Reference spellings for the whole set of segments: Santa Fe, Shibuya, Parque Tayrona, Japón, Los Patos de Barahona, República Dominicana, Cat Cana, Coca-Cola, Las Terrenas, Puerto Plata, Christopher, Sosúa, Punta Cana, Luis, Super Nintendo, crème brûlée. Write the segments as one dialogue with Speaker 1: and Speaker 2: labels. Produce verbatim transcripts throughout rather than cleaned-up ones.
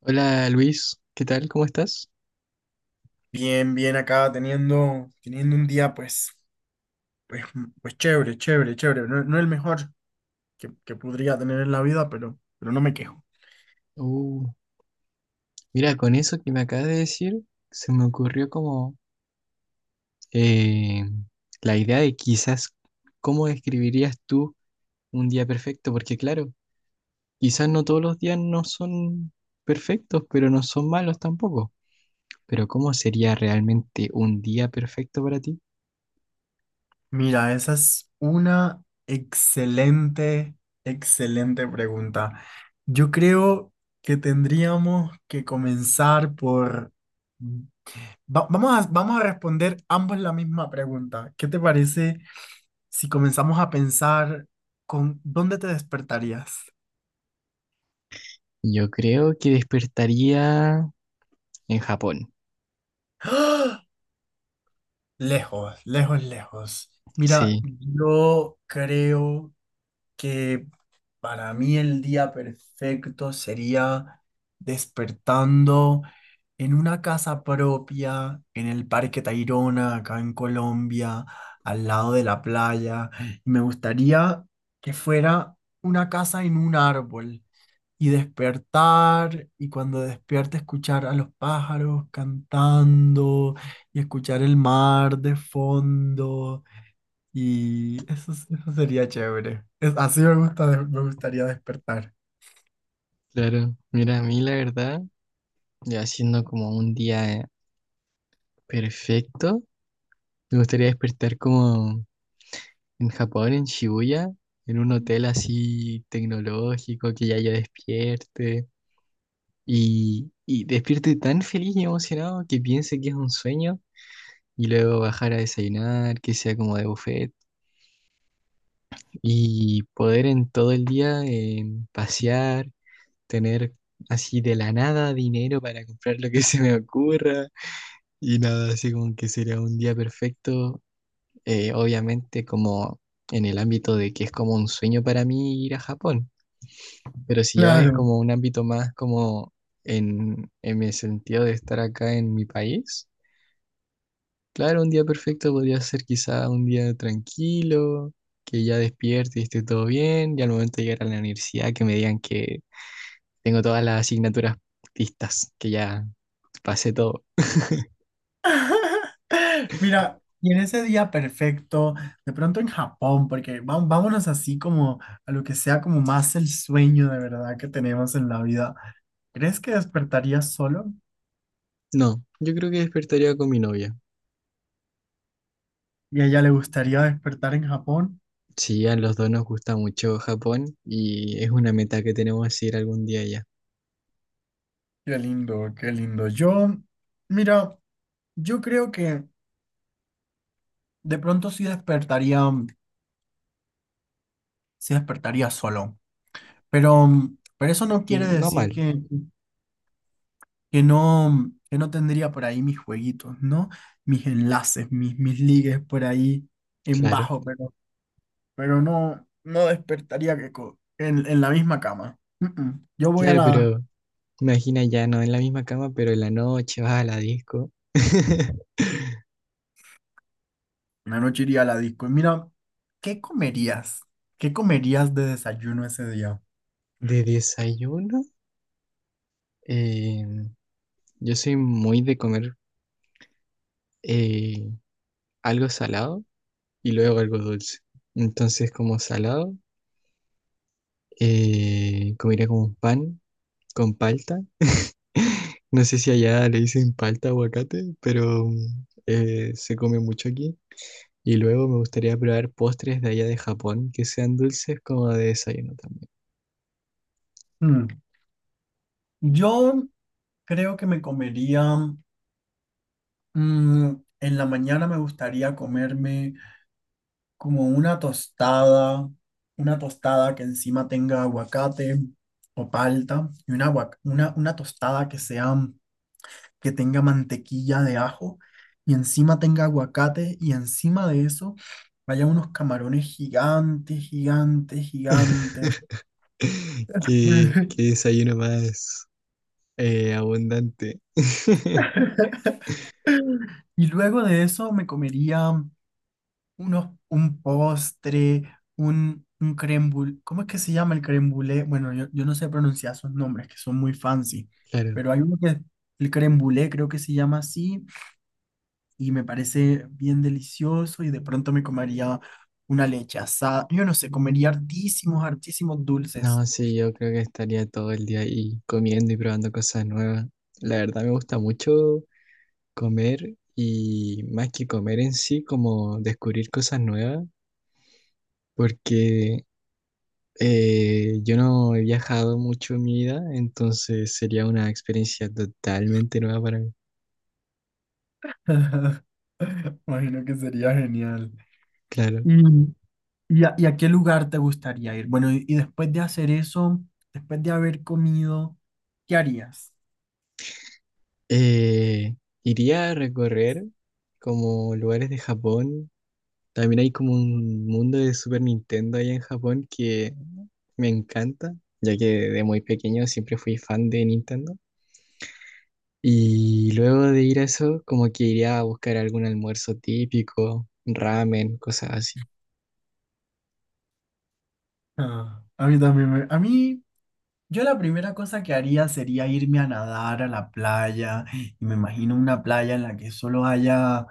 Speaker 1: Hola Luis, ¿qué tal? ¿Cómo estás?
Speaker 2: Bien, bien acá teniendo, teniendo un día pues, pues, pues chévere, chévere, chévere. No, no el mejor que, que podría tener en la vida, pero, pero no me quejo.
Speaker 1: Uh, mira, con eso que me acabas de decir, se me ocurrió como eh, la idea de quizás cómo describirías tú un día perfecto, porque claro, quizás no todos los días no son perfectos, pero no son malos tampoco. Pero ¿cómo sería realmente un día perfecto para ti?
Speaker 2: Mira, esa es una excelente, excelente pregunta. Yo creo que tendríamos que comenzar por... va- vamos a, vamos a responder ambos la misma pregunta. ¿Qué te parece si comenzamos a pensar con dónde te despertarías?
Speaker 1: Yo creo que despertaría en Japón.
Speaker 2: Lejos, lejos, lejos. Mira,
Speaker 1: Sí,
Speaker 2: yo creo que para mí el día perfecto sería despertando en una casa propia, en el Parque Tayrona, acá en Colombia, al lado de la playa. Me gustaría que fuera una casa en un árbol y despertar y cuando despierte escuchar a los pájaros cantando y escuchar el mar de fondo, y eso, es- eso sería chévere. Es, así me gusta, de- me gustaría despertar.
Speaker 1: claro. Mira, a mí la verdad, ya siendo como un día perfecto. Me gustaría despertar como en Japón, en Shibuya, en un hotel así tecnológico, que ya yo despierte y, y despierte tan feliz y emocionado que piense que es un sueño y luego bajar a desayunar, que sea como de buffet y poder en todo el día eh, pasear, tener así de la nada dinero para comprar lo que se me ocurra y nada, así como que sería un día perfecto eh, obviamente como en el ámbito de que es como un sueño para mí ir a Japón, pero si ya es
Speaker 2: Claro.
Speaker 1: como un ámbito más como en, en el sentido de estar acá en mi país, claro, un día perfecto podría ser quizá un día tranquilo, que ya despierte y esté todo bien, y al momento de llegar a la universidad que me digan que tengo todas las asignaturas listas, que ya pasé todo.
Speaker 2: Mira, y en ese día perfecto, de pronto en Japón, porque va- vámonos así como a lo que sea, como más el sueño de verdad que tenemos en la vida. ¿Crees que despertaría solo?
Speaker 1: No, yo creo que despertaría con mi novia.
Speaker 2: ¿Y a ella le gustaría despertar en Japón?
Speaker 1: Sí, a los dos nos gusta mucho Japón y es una meta que tenemos ir algún día allá.
Speaker 2: Qué lindo, qué lindo. Yo, mira, yo creo que de pronto sí despertaría, sí despertaría solo, pero, pero eso no quiere
Speaker 1: No
Speaker 2: decir
Speaker 1: mal,
Speaker 2: que, que no, que no tendría por ahí mis jueguitos, ¿no? Mis enlaces, mis, mis ligues por ahí en
Speaker 1: claro,
Speaker 2: bajo, pero, pero no, no despertaría que co- en, en la misma cama. Mm, mm. Yo voy a
Speaker 1: claro,
Speaker 2: la,
Speaker 1: pero imagina ya no en la misma cama, pero en la noche vas a la disco.
Speaker 2: Una noche iría a la disco. Y mira, ¿qué comerías? ¿Qué comerías de desayuno ese día?
Speaker 1: De desayuno, eh, yo soy muy de comer eh, algo salado y luego algo dulce. Entonces, como salado, eh, comería como un pan con palta. No sé si allá le dicen palta aguacate, pero mm, eh, se come mucho aquí. Y luego me gustaría probar postres de allá de Japón que sean dulces como de desayuno también.
Speaker 2: Mm. Yo Creo que me comería, mm, en la mañana me gustaría comerme como una tostada, una tostada que encima tenga aguacate o palta, y una, aguac- una, una tostada que sea, que tenga mantequilla de ajo, y encima tenga aguacate, y encima de eso vaya unos camarones gigantes, gigantes, gigantes.
Speaker 1: ¿Qué, qué desayuno más eh, abundante?
Speaker 2: Y luego de eso me comería unos, un postre, un, un crème brûlée. ¿Cómo es que se llama el crème brûlée? Bueno, yo, yo no sé pronunciar esos nombres que son muy fancy,
Speaker 1: Claro.
Speaker 2: pero hay uno que, el crème brûlée creo que se llama así, y me parece bien delicioso. Y de pronto me comería una leche asada. Yo no sé, comería hartísimos, hartísimos
Speaker 1: No,
Speaker 2: dulces.
Speaker 1: sí, yo creo que estaría todo el día ahí comiendo y probando cosas nuevas. La verdad me gusta mucho comer y más que comer en sí, como descubrir cosas nuevas, porque eh, yo no he viajado mucho en mi vida, entonces sería una experiencia totalmente nueva para mí.
Speaker 2: Imagino que sería genial.
Speaker 1: Claro.
Speaker 2: ¿Y, y a, y a qué lugar te gustaría ir? Bueno, y, y después de hacer eso, después de haber comido, ¿qué harías?
Speaker 1: Eh, iría a recorrer como lugares de Japón. También hay como un mundo de Super Nintendo allá en Japón que me encanta, ya que de muy pequeño siempre fui fan de Nintendo. Y luego de ir a eso, como que iría a buscar algún almuerzo típico, ramen, cosas así.
Speaker 2: Ah, a mí también me- a mí, yo la primera cosa que haría sería irme a nadar a la playa, y me imagino una playa en la que solo haya,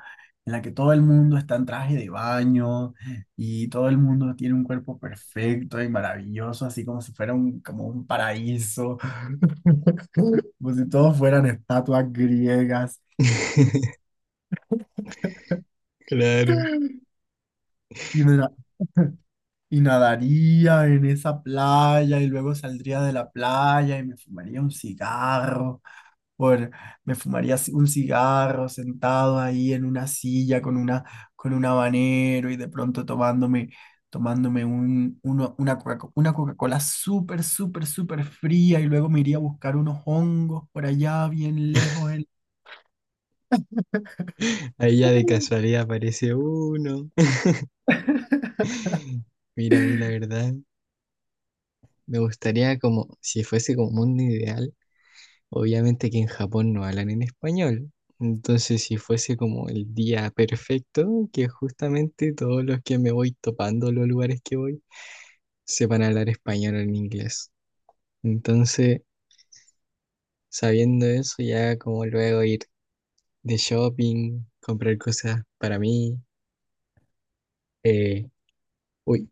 Speaker 2: en la que todo el mundo está en traje de baño, y todo el mundo tiene un cuerpo perfecto y maravilloso, así como si fuera un, como un paraíso, como si todos fueran estatuas griegas, y,
Speaker 1: Claro.
Speaker 2: y me la- y nadaría en esa playa y luego saldría de la playa y me fumaría un cigarro por, me fumaría ci- un cigarro sentado ahí en una silla con una, con un habanero, y de pronto tomándome, tomándome un, uno- una Coca- una Coca-Cola súper, súper, súper fría, y luego me iría a buscar unos hongos por allá bien lejos. en-
Speaker 1: Ahí ya de casualidad aparece uno. Mira, a mí la verdad, me gustaría como, si fuese como mundo ideal, obviamente que en Japón no hablan en español. Entonces, si fuese como el día perfecto, que justamente todos los que me voy topando los lugares que voy sepan hablar español o en inglés. Entonces, sabiendo eso, ya como luego ir de shopping, comprar cosas para mí. eh, uy,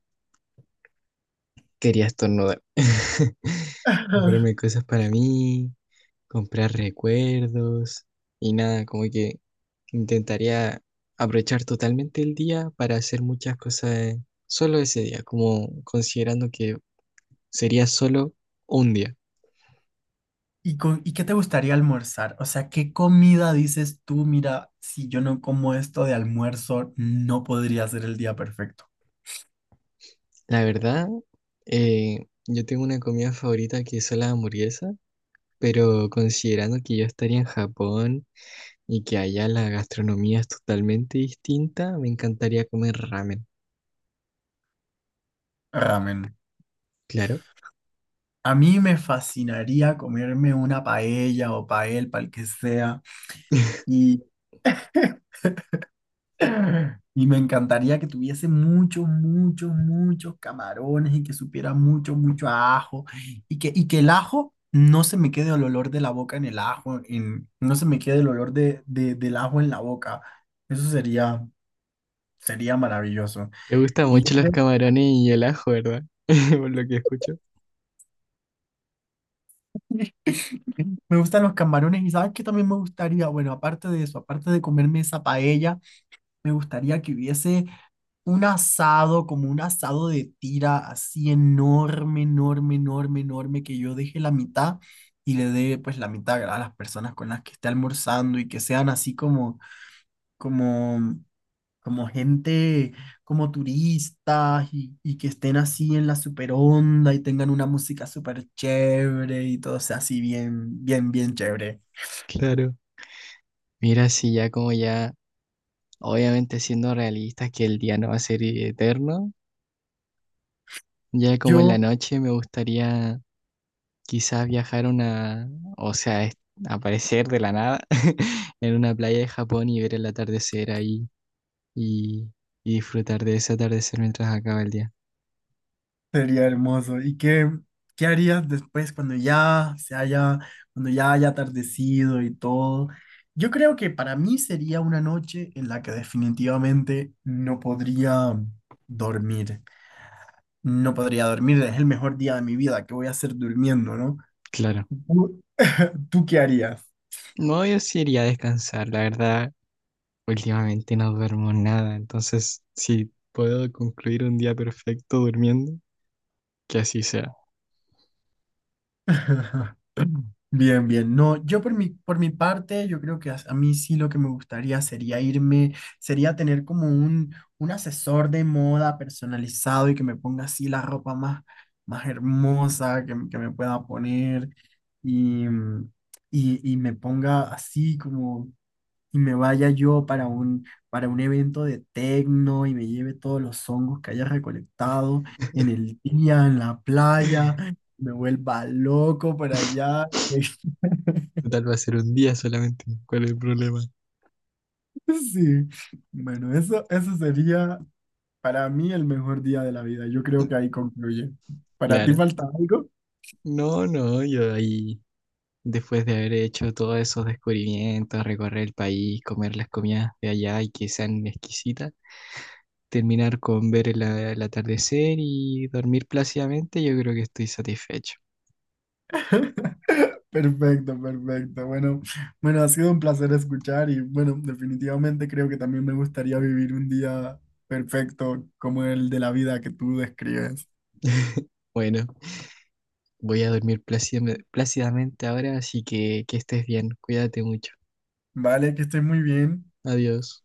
Speaker 1: quería estornudar. Comprarme cosas para mí, comprar recuerdos y nada, como que intentaría aprovechar totalmente el día para hacer muchas cosas solo ese día, como considerando que sería solo un día.
Speaker 2: ¿Y, con, ¿y qué te gustaría almorzar? O sea, ¿qué comida dices tú? Mira, si yo no como esto de almuerzo, no podría ser el día perfecto.
Speaker 1: La verdad, eh, yo tengo una comida favorita que es la hamburguesa, pero considerando que yo estaría en Japón y que allá la gastronomía es totalmente distinta, me encantaría comer ramen.
Speaker 2: Ramen.
Speaker 1: Claro.
Speaker 2: A mí me fascinaría comerme una paella o pael, pal que sea, y, y me encantaría que tuviese muchos, muchos, muchos camarones y que supiera mucho, mucho a ajo, y que, y que el ajo no se me quede el olor de la boca en el ajo, en, no se me quede el olor de, de- del ajo en la boca. Eso sería, sería maravilloso.
Speaker 1: Te gustan
Speaker 2: Y yo
Speaker 1: mucho los
Speaker 2: creo
Speaker 1: camarones y el ajo, ¿verdad? Por lo que escucho.
Speaker 2: me gustan los camarones. ¿Y sabes qué también me gustaría? Bueno, aparte de eso, aparte de comerme esa paella, me gustaría que hubiese un asado, como un asado de tira así enorme, enorme, enorme, enorme, que yo deje la mitad y le dé pues la mitad a las personas con las que esté almorzando, y que sean así como, como, como gente, como turistas, y, y que estén así en la super onda y tengan una música súper chévere y todo sea así bien, bien, bien chévere.
Speaker 1: Claro. Mira, si ya como ya, obviamente siendo realistas que el día no va a ser eterno, ya como en
Speaker 2: Yo
Speaker 1: la noche me gustaría quizás viajar a una, o sea, es- aparecer de la nada en una playa de Japón y ver el atardecer ahí y, y disfrutar de ese atardecer mientras acaba el día.
Speaker 2: Sería hermoso. ¿Y qué, qué harías después cuando ya se haya, cuando ya haya atardecido y todo? Yo creo que para mí sería una noche en la que definitivamente no podría dormir. No podría dormir, es el mejor día de mi vida. ¿Qué voy a hacer durmiendo, no?
Speaker 1: Claro.
Speaker 2: ¿Tú, tú qué harías?
Speaker 1: No, yo sí iría a descansar, la verdad. Últimamente no duermo nada, entonces si puedo concluir un día perfecto durmiendo, que así sea.
Speaker 2: Bien, bien. No, yo por mi, por mi parte, yo creo que a, a mí sí, lo que me gustaría sería irme, sería tener como un, un asesor de moda personalizado y que me ponga así la ropa más, más hermosa que, que me pueda poner y, mm, y, y me ponga así como, y me vaya yo para un, para un evento de tecno, y me lleve todos los hongos que haya recolectado en el día, en la playa, me vuelva loco para allá.
Speaker 1: Total va a ser un día solamente, ¿cuál es el problema?
Speaker 2: Sí, bueno, eso, eso sería para mí el mejor día de la vida. Yo creo que ahí concluye. ¿Para ti
Speaker 1: Claro.
Speaker 2: falta algo?
Speaker 1: No, no, yo ahí, después de haber hecho todos esos descubrimientos, recorrer el país, comer las comidas de allá y que sean exquisitas, terminar con ver el, el atardecer y dormir plácidamente, yo creo que estoy satisfecho.
Speaker 2: Perfecto, perfecto. Bueno, bueno, ha sido un placer escuchar y bueno, definitivamente creo que también me gustaría vivir un día perfecto como el de la vida que tú describes.
Speaker 1: Bueno, voy a dormir plácidamente plácidamente ahora, así que que estés bien, cuídate mucho.
Speaker 2: Vale, que estés muy bien.
Speaker 1: Adiós.